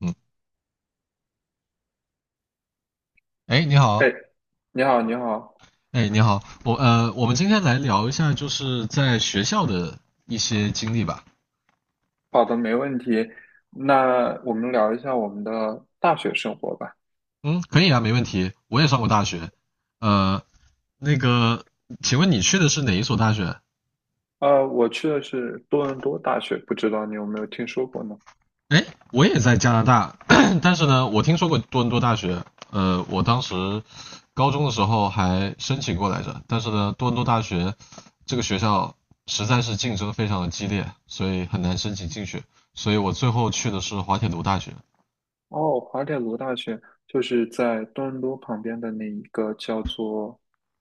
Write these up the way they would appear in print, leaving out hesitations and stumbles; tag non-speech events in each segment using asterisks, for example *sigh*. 嗯，哎，你好，哎，你好，你好。哎，你好，我们今天来聊一下，就是在学校的一些经历吧。好的，没问题。那我们聊一下我们的大学生活吧。嗯，可以啊，没问题。我也上过大学，呃，那个，请问你去的是哪一所大学？我去的是多伦多大学，不知道你有没有听说过呢？哎，我也在加拿大，*coughs* *clears throat* 但是呢，我听说过多伦多大学，我当时高中的时候还申请过来着，但是呢，多伦多大学这个学校实在是竞争非常的激烈，所以很难申请进去，所以我最后去的是滑铁卢大学。哦，滑铁卢大学就是在多伦多旁边的那一个叫做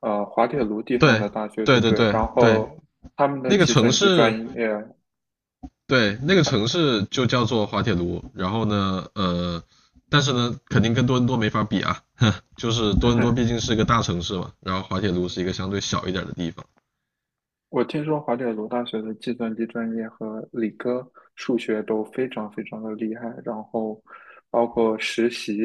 滑铁卢地方对的大学，对对不对对？对然对，后他们的那个计城算机专市，业。对那个城市就叫做滑铁卢。然后呢，呃，但是呢，肯定跟多伦多没法比啊，*laughs* 就是多伦多 *laughs* 毕竟是一个大城市嘛，然后滑铁卢是一个相对小一点的地方。我听说华铁卢大学的计算机专业和理科数学都非常非常的厉害，然后包括实习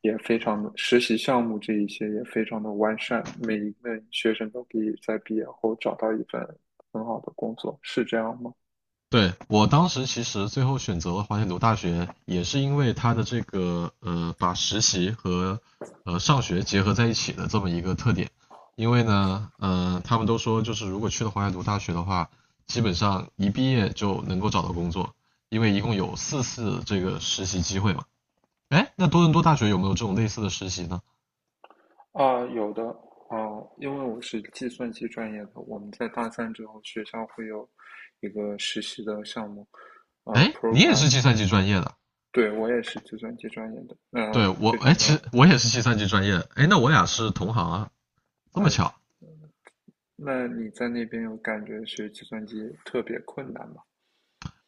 也非常的，实习项目这一些也非常的完善，每一位学生都可以在毕业后找到一份很好的工作，是这样吗？对，我当时其实最后选择了华盛顿大学，也是因为它的这个，把实习和上学结合在一起的这么一个特点。因为呢，他们都说就是如果去了华盛顿大学的话，基本上一毕业就能够找到工作，因为一共有4次这个实习机会嘛。哎，那多伦多大学有没有这种类似的实习呢？啊，有的。啊，因为我是计算机专业的，我们在大三之后学校会有一个实习的项目，哎，你也program。是计算机专业的？对，我也是计算机专业的，对，嗯、我，非哎，常的。其实我也是计算机专业的。哎，那我俩是同行啊，这么哎，巧。那你在那边有感觉学计算机特别困难吗？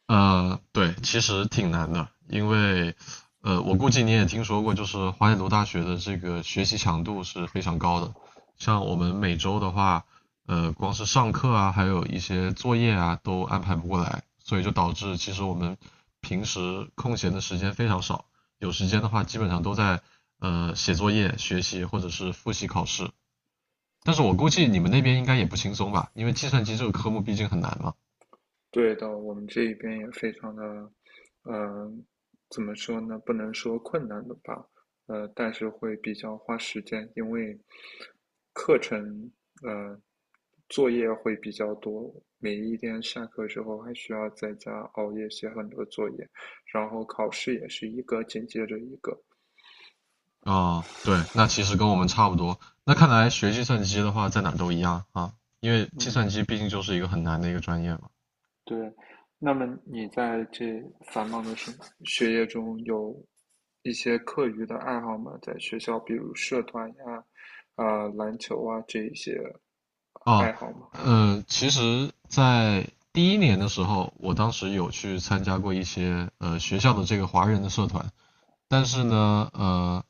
对，其实挺难的，因为，我估计你也听说过，就是华北读大学的这个学习强度是非常高的。像我们每周的话，光是上课啊，还有一些作业啊，都安排不过来，所以就导致其实我们平时空闲的时间非常少，有时间的话基本上都在写作业、学习或者是复习考试。但是我估计你们嗯，那边应该也不轻松吧，因为计算机这个科目毕竟很难嘛。对的，我们这边也非常的，呃，怎么说呢？不能说困难的吧，但是会比较花时间。因为课程，呃，作业会比较多，每一天下课之后还需要在家熬夜写很多作业，然后考试也是一个紧接着一个。哦，对，那其实跟我们差不多。那看来学计算机的话，在哪都一样啊，因为计算嗯。机毕竟就是一个很难的一个专业嘛。对，那么你在这繁忙的学业中有一些课余的爱好吗？在学校，比如社团呀、啊、篮球啊这一些啊，爱好吗？嗯，其实，在第1年的时候，我当时有去参加过一些学校的这个华人的社团，但是呢，呃，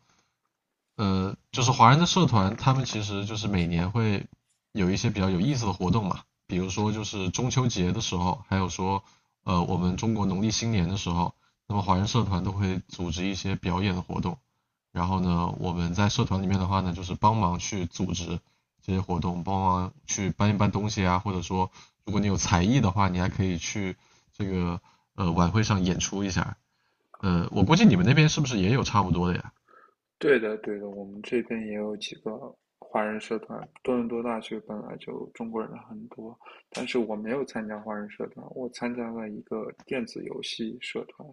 呃，就是华人的社团，他们其实就是每年会有一些比较有意思的活动嘛，比如说就是中秋节的时候，还有说我们中国农历新年的时候，那么华人社团都会组织一些表演的活动。然后呢，我们在社团里面的话呢，就是帮忙去组织这些活动，帮忙去搬一搬东西啊，或者说如果你有才艺的话，你还可以去这个晚会上演出一下。我估计你们那边是不是也有差不多的呀？对的，对的，我们这边也有几个华人社团。多伦多大学本来就中国人很多，但是我没有参加华人社团，我参加了一个电子游戏社团，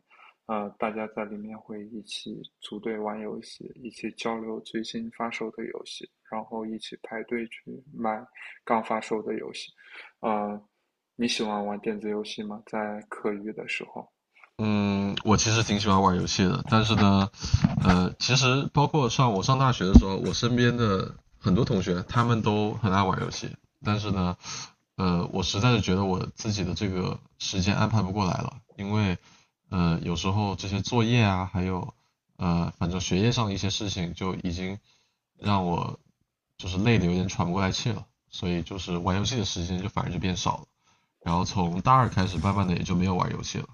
啊、大家在里面会一起组队玩游戏，一起交流最新发售的游戏，然后一起排队去买刚发售的游戏。啊、你喜欢玩电子游戏吗？在课余的时候。嗯，我其实挺喜欢玩游戏的，但是呢，其实包括我上大学的时候，我身边的很多同学他们都很爱玩游戏，但是呢，我实在是觉得我自己的这个时间安排不过来了，因为，有时候这些作业啊，还有，反正学业上的一些事情，就已经让我就是累的有点喘不过来气了，所以就是玩游戏的时间就反而就变少了，然后从大二开始，慢慢的也就没有玩游戏了。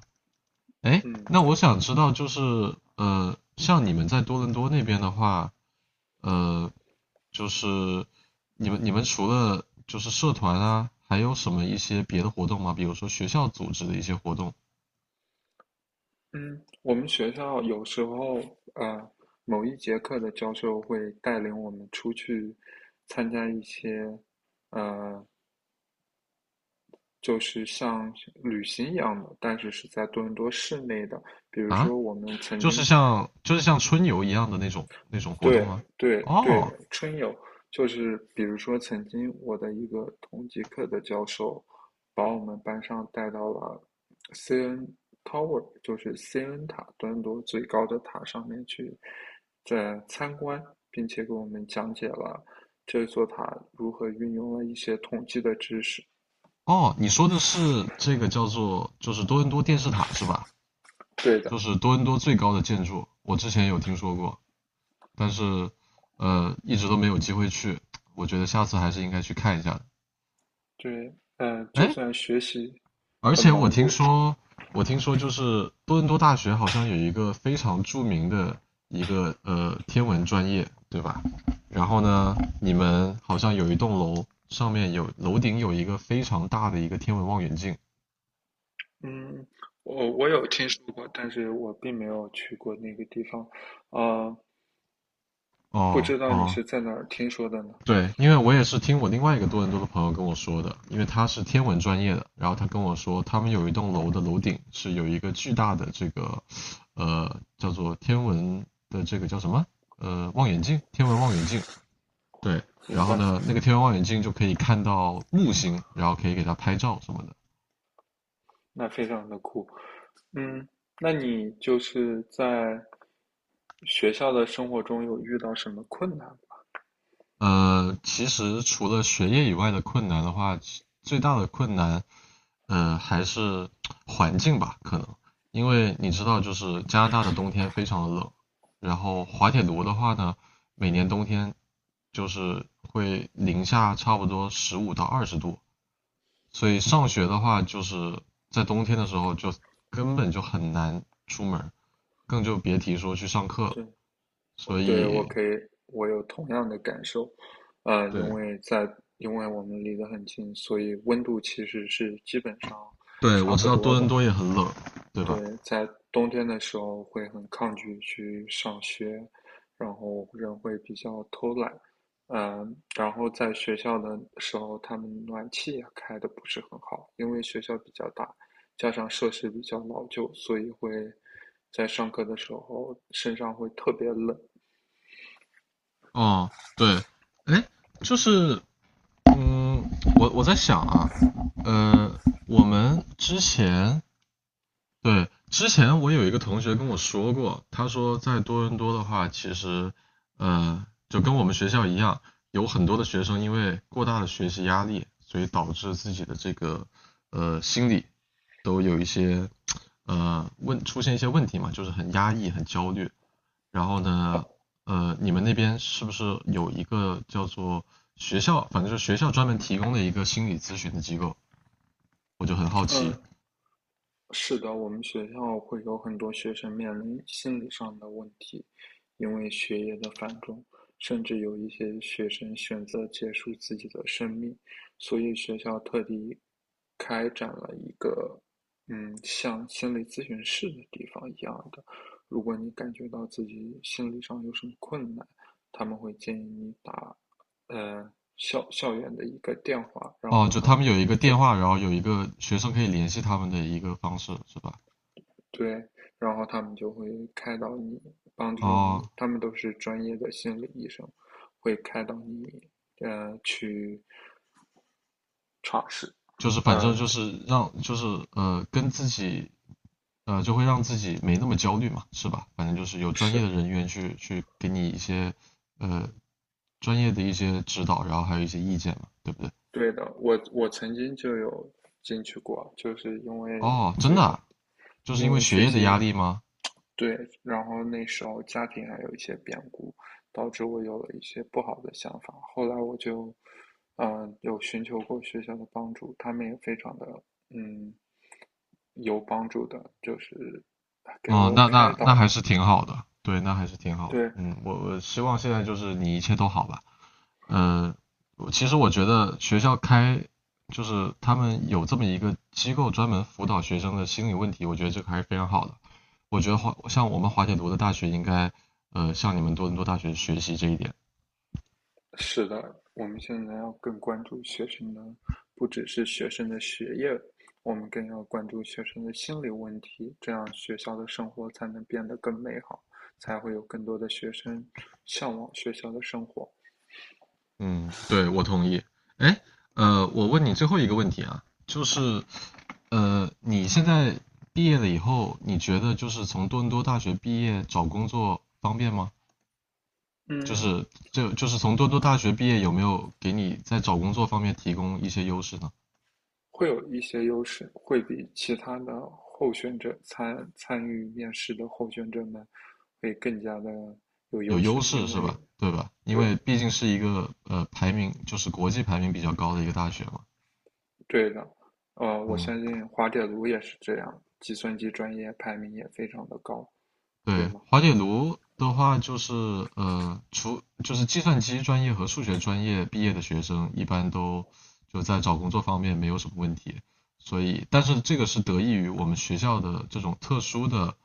哎，嗯。那我想知道，就是,像你们在多伦多那边的话，呃，就是你们除了就是社团啊，还有什么一些别的活动吗？比如说学校组织的一些活动嗯，我们学校有时候，呃，某一节课的教授会带领我们出去参加一些，呃，就是像旅行一样的，但是是在多伦多市内的。比如啊，说，我们曾就是经，像就是像春游一样的那种活动对吗？对对哦的，春游。就是比如说，曾经我的一个同级课的教授，把我们班上带到了 CN Tower，就是 CN 塔端多最高的塔上面去，在参观，并且给我们讲解了这座塔如何运用了一些统计的知识。哦，你说的是这个叫做就是多伦多电视塔是吧？对的。就是多伦多最高的建筑，我之前有听说过。但是一直都没有机会去，我觉得下次还是应该去看一下的。对，就哎，算学习而很且我忙听碌。说，我听说就是多伦多大学好像有一个非常著名的一个天文专业，对吧？然后呢，你们好像有一栋楼上面有楼顶有一个非常大的一个天文望远镜。嗯，我有听说过，但是我并没有去过那个地方，啊、不哦知道你哦，是在哪儿听说的呢？对，因为我也是听我另外一个多伦多的朋友跟我说的，因为他是天文专业的，然后他跟我说，他们有一栋楼的楼顶是有一个巨大的这个，叫做天文的这个叫什么？望远镜，天文望远镜。对，明然后白。呢，那个天文望远镜就可以看到木星，然后可以给它拍照什么的。那非常的酷。嗯，那你就是在学校的生活中有遇到什么困难吗？其实除了学业以外的困难的话，最大的困难还是环境吧，可能，因为你知道，就是加拿大的冬天非常的冷，然后滑铁卢的话呢，每年冬天就是会零下差不多15到20度，所以上学的话，就是在冬天的时候就根本就很难出门，更就别提说去上课了。对，所对，我以，可以，我有同样的感受，呃，对因为在，因为我们离得很近，所以温度其实是基本上对，差我知不道多多伦的。多也很冷，对吧？对，在冬天的时候会很抗拒去上学，然后人会比较偷懒。然后在学校的时候，他们暖气也开的不是很好，因为学校比较大，加上设施比较老旧，所以会在上课的时候身上会特别冷。哦，对，哎，就是嗯，我我在想啊，呃，我们之前对之前我有一个同学跟我说过，他说在多伦多的话，其实就跟我们学校一样，有很多的学生因为过大的学习压力，所以导致自己的这个心理都有一些出现一些问题嘛，就是很压抑、很焦虑。然后呃呢，呃，你们那边是不是有一个叫做学校，反正就是学校专门提供的一个心理咨询的机构？我就很好奇。嗯，是的，我们学校会有很多学生面临心理上的问题，因为学业的繁重，甚至有一些学生选择结束自己的生命，所以学校特地开展了一个，嗯，像心理咨询室的地方一样的。如果你感觉到自己心理上有什么困难，他们会建议你打，校园的一个电话，然哦，后就他他们们有一个就。电话，然后有一个学生可以联系他们的一个方式，是吧？对，然后他们就会开导你，帮助哦，你，他们都是专业的心理医生，会开导你，去尝试，就是反正呃，就是让就是呃跟自己呃就会让自己没那么焦虑嘛，是吧？反正就是有专业的是人员去给你一些呃专业的一些指导，然后还有一些意见嘛，对不对？对的。我曾经就有进去过，就是因为哦，真最的后，啊就是因因为为学学业的压习，力吗？对，然后那时候家庭还有一些变故，导致我有了一些不好的想法。后来我就，有寻求过学校的帮助，他们也非常的，嗯。有帮助的，就是给哦，我那开那那还导。是挺好的，对，那还是挺好的。对，嗯，我我希望现在就是你一切都好吧。嗯，其实我觉得学校开就是他们有这么一个机构专门辅导学生的心理问题，我觉得这个还是非常好的。我觉得像我们华铁读的大学应该向你们多伦多大学学习这一点。是的，我们现在要更关注学生的，不只是学生的学业，我们更要关注学生的心理问题，这样学校的生活才能变得更美好，才会有更多的学生向往学校的生活。嗯，对，我同意。哎，我问你最后一个问题啊，就是，你现在毕业了以后，你觉得就是从多伦多大学毕业找工作方便吗？就嗯，是就就是从多伦多大学毕业有没有给你在找工作方面提供一些优势呢？会有一些优势，会比其他的候选者参与面试的候选者们会更加的有有优势，优势因是吧？为对吧？因对为毕竟是一个排名就是国际排名比较高的一个大学嘛。对的，我嗯相信滑铁卢也是这样，计算机专业排名也非常的高，对对，吗？滑铁卢的话就是就是计算机专业和数学专业毕业的学生，一般都就在找工作方面没有什么问题。所以，但是这个是得益于我们学校的这种特殊的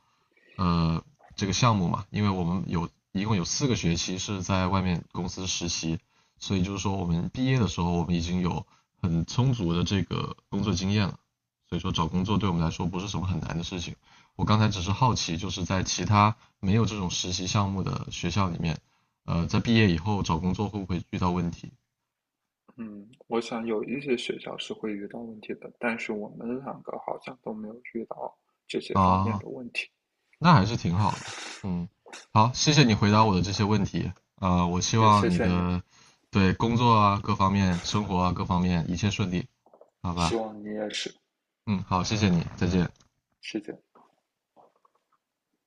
呃这个项目嘛，因为我们一共有4个学期是在外面公司实习，所以就是说我们毕业的时候，我们已经有很充足的这个工作经验了，所以说找工作对我们来说不是什么很难的事情。我刚才只是好奇，就是在其他没有这种实习项目的学校里面，在毕业以后找工作会不会遇到问题？嗯，我想有一些学校是会遇到问题的，但是我们两个好像都没有遇到这些方面啊，的问题。那还是挺好的。嗯，好，谢谢你回答我的这些问题。我希也望谢你谢你，的对工作啊各方面、生活啊各方面一切顺利，好希吧？望你也是，嗯，好，谢谢你，再见。谢谢。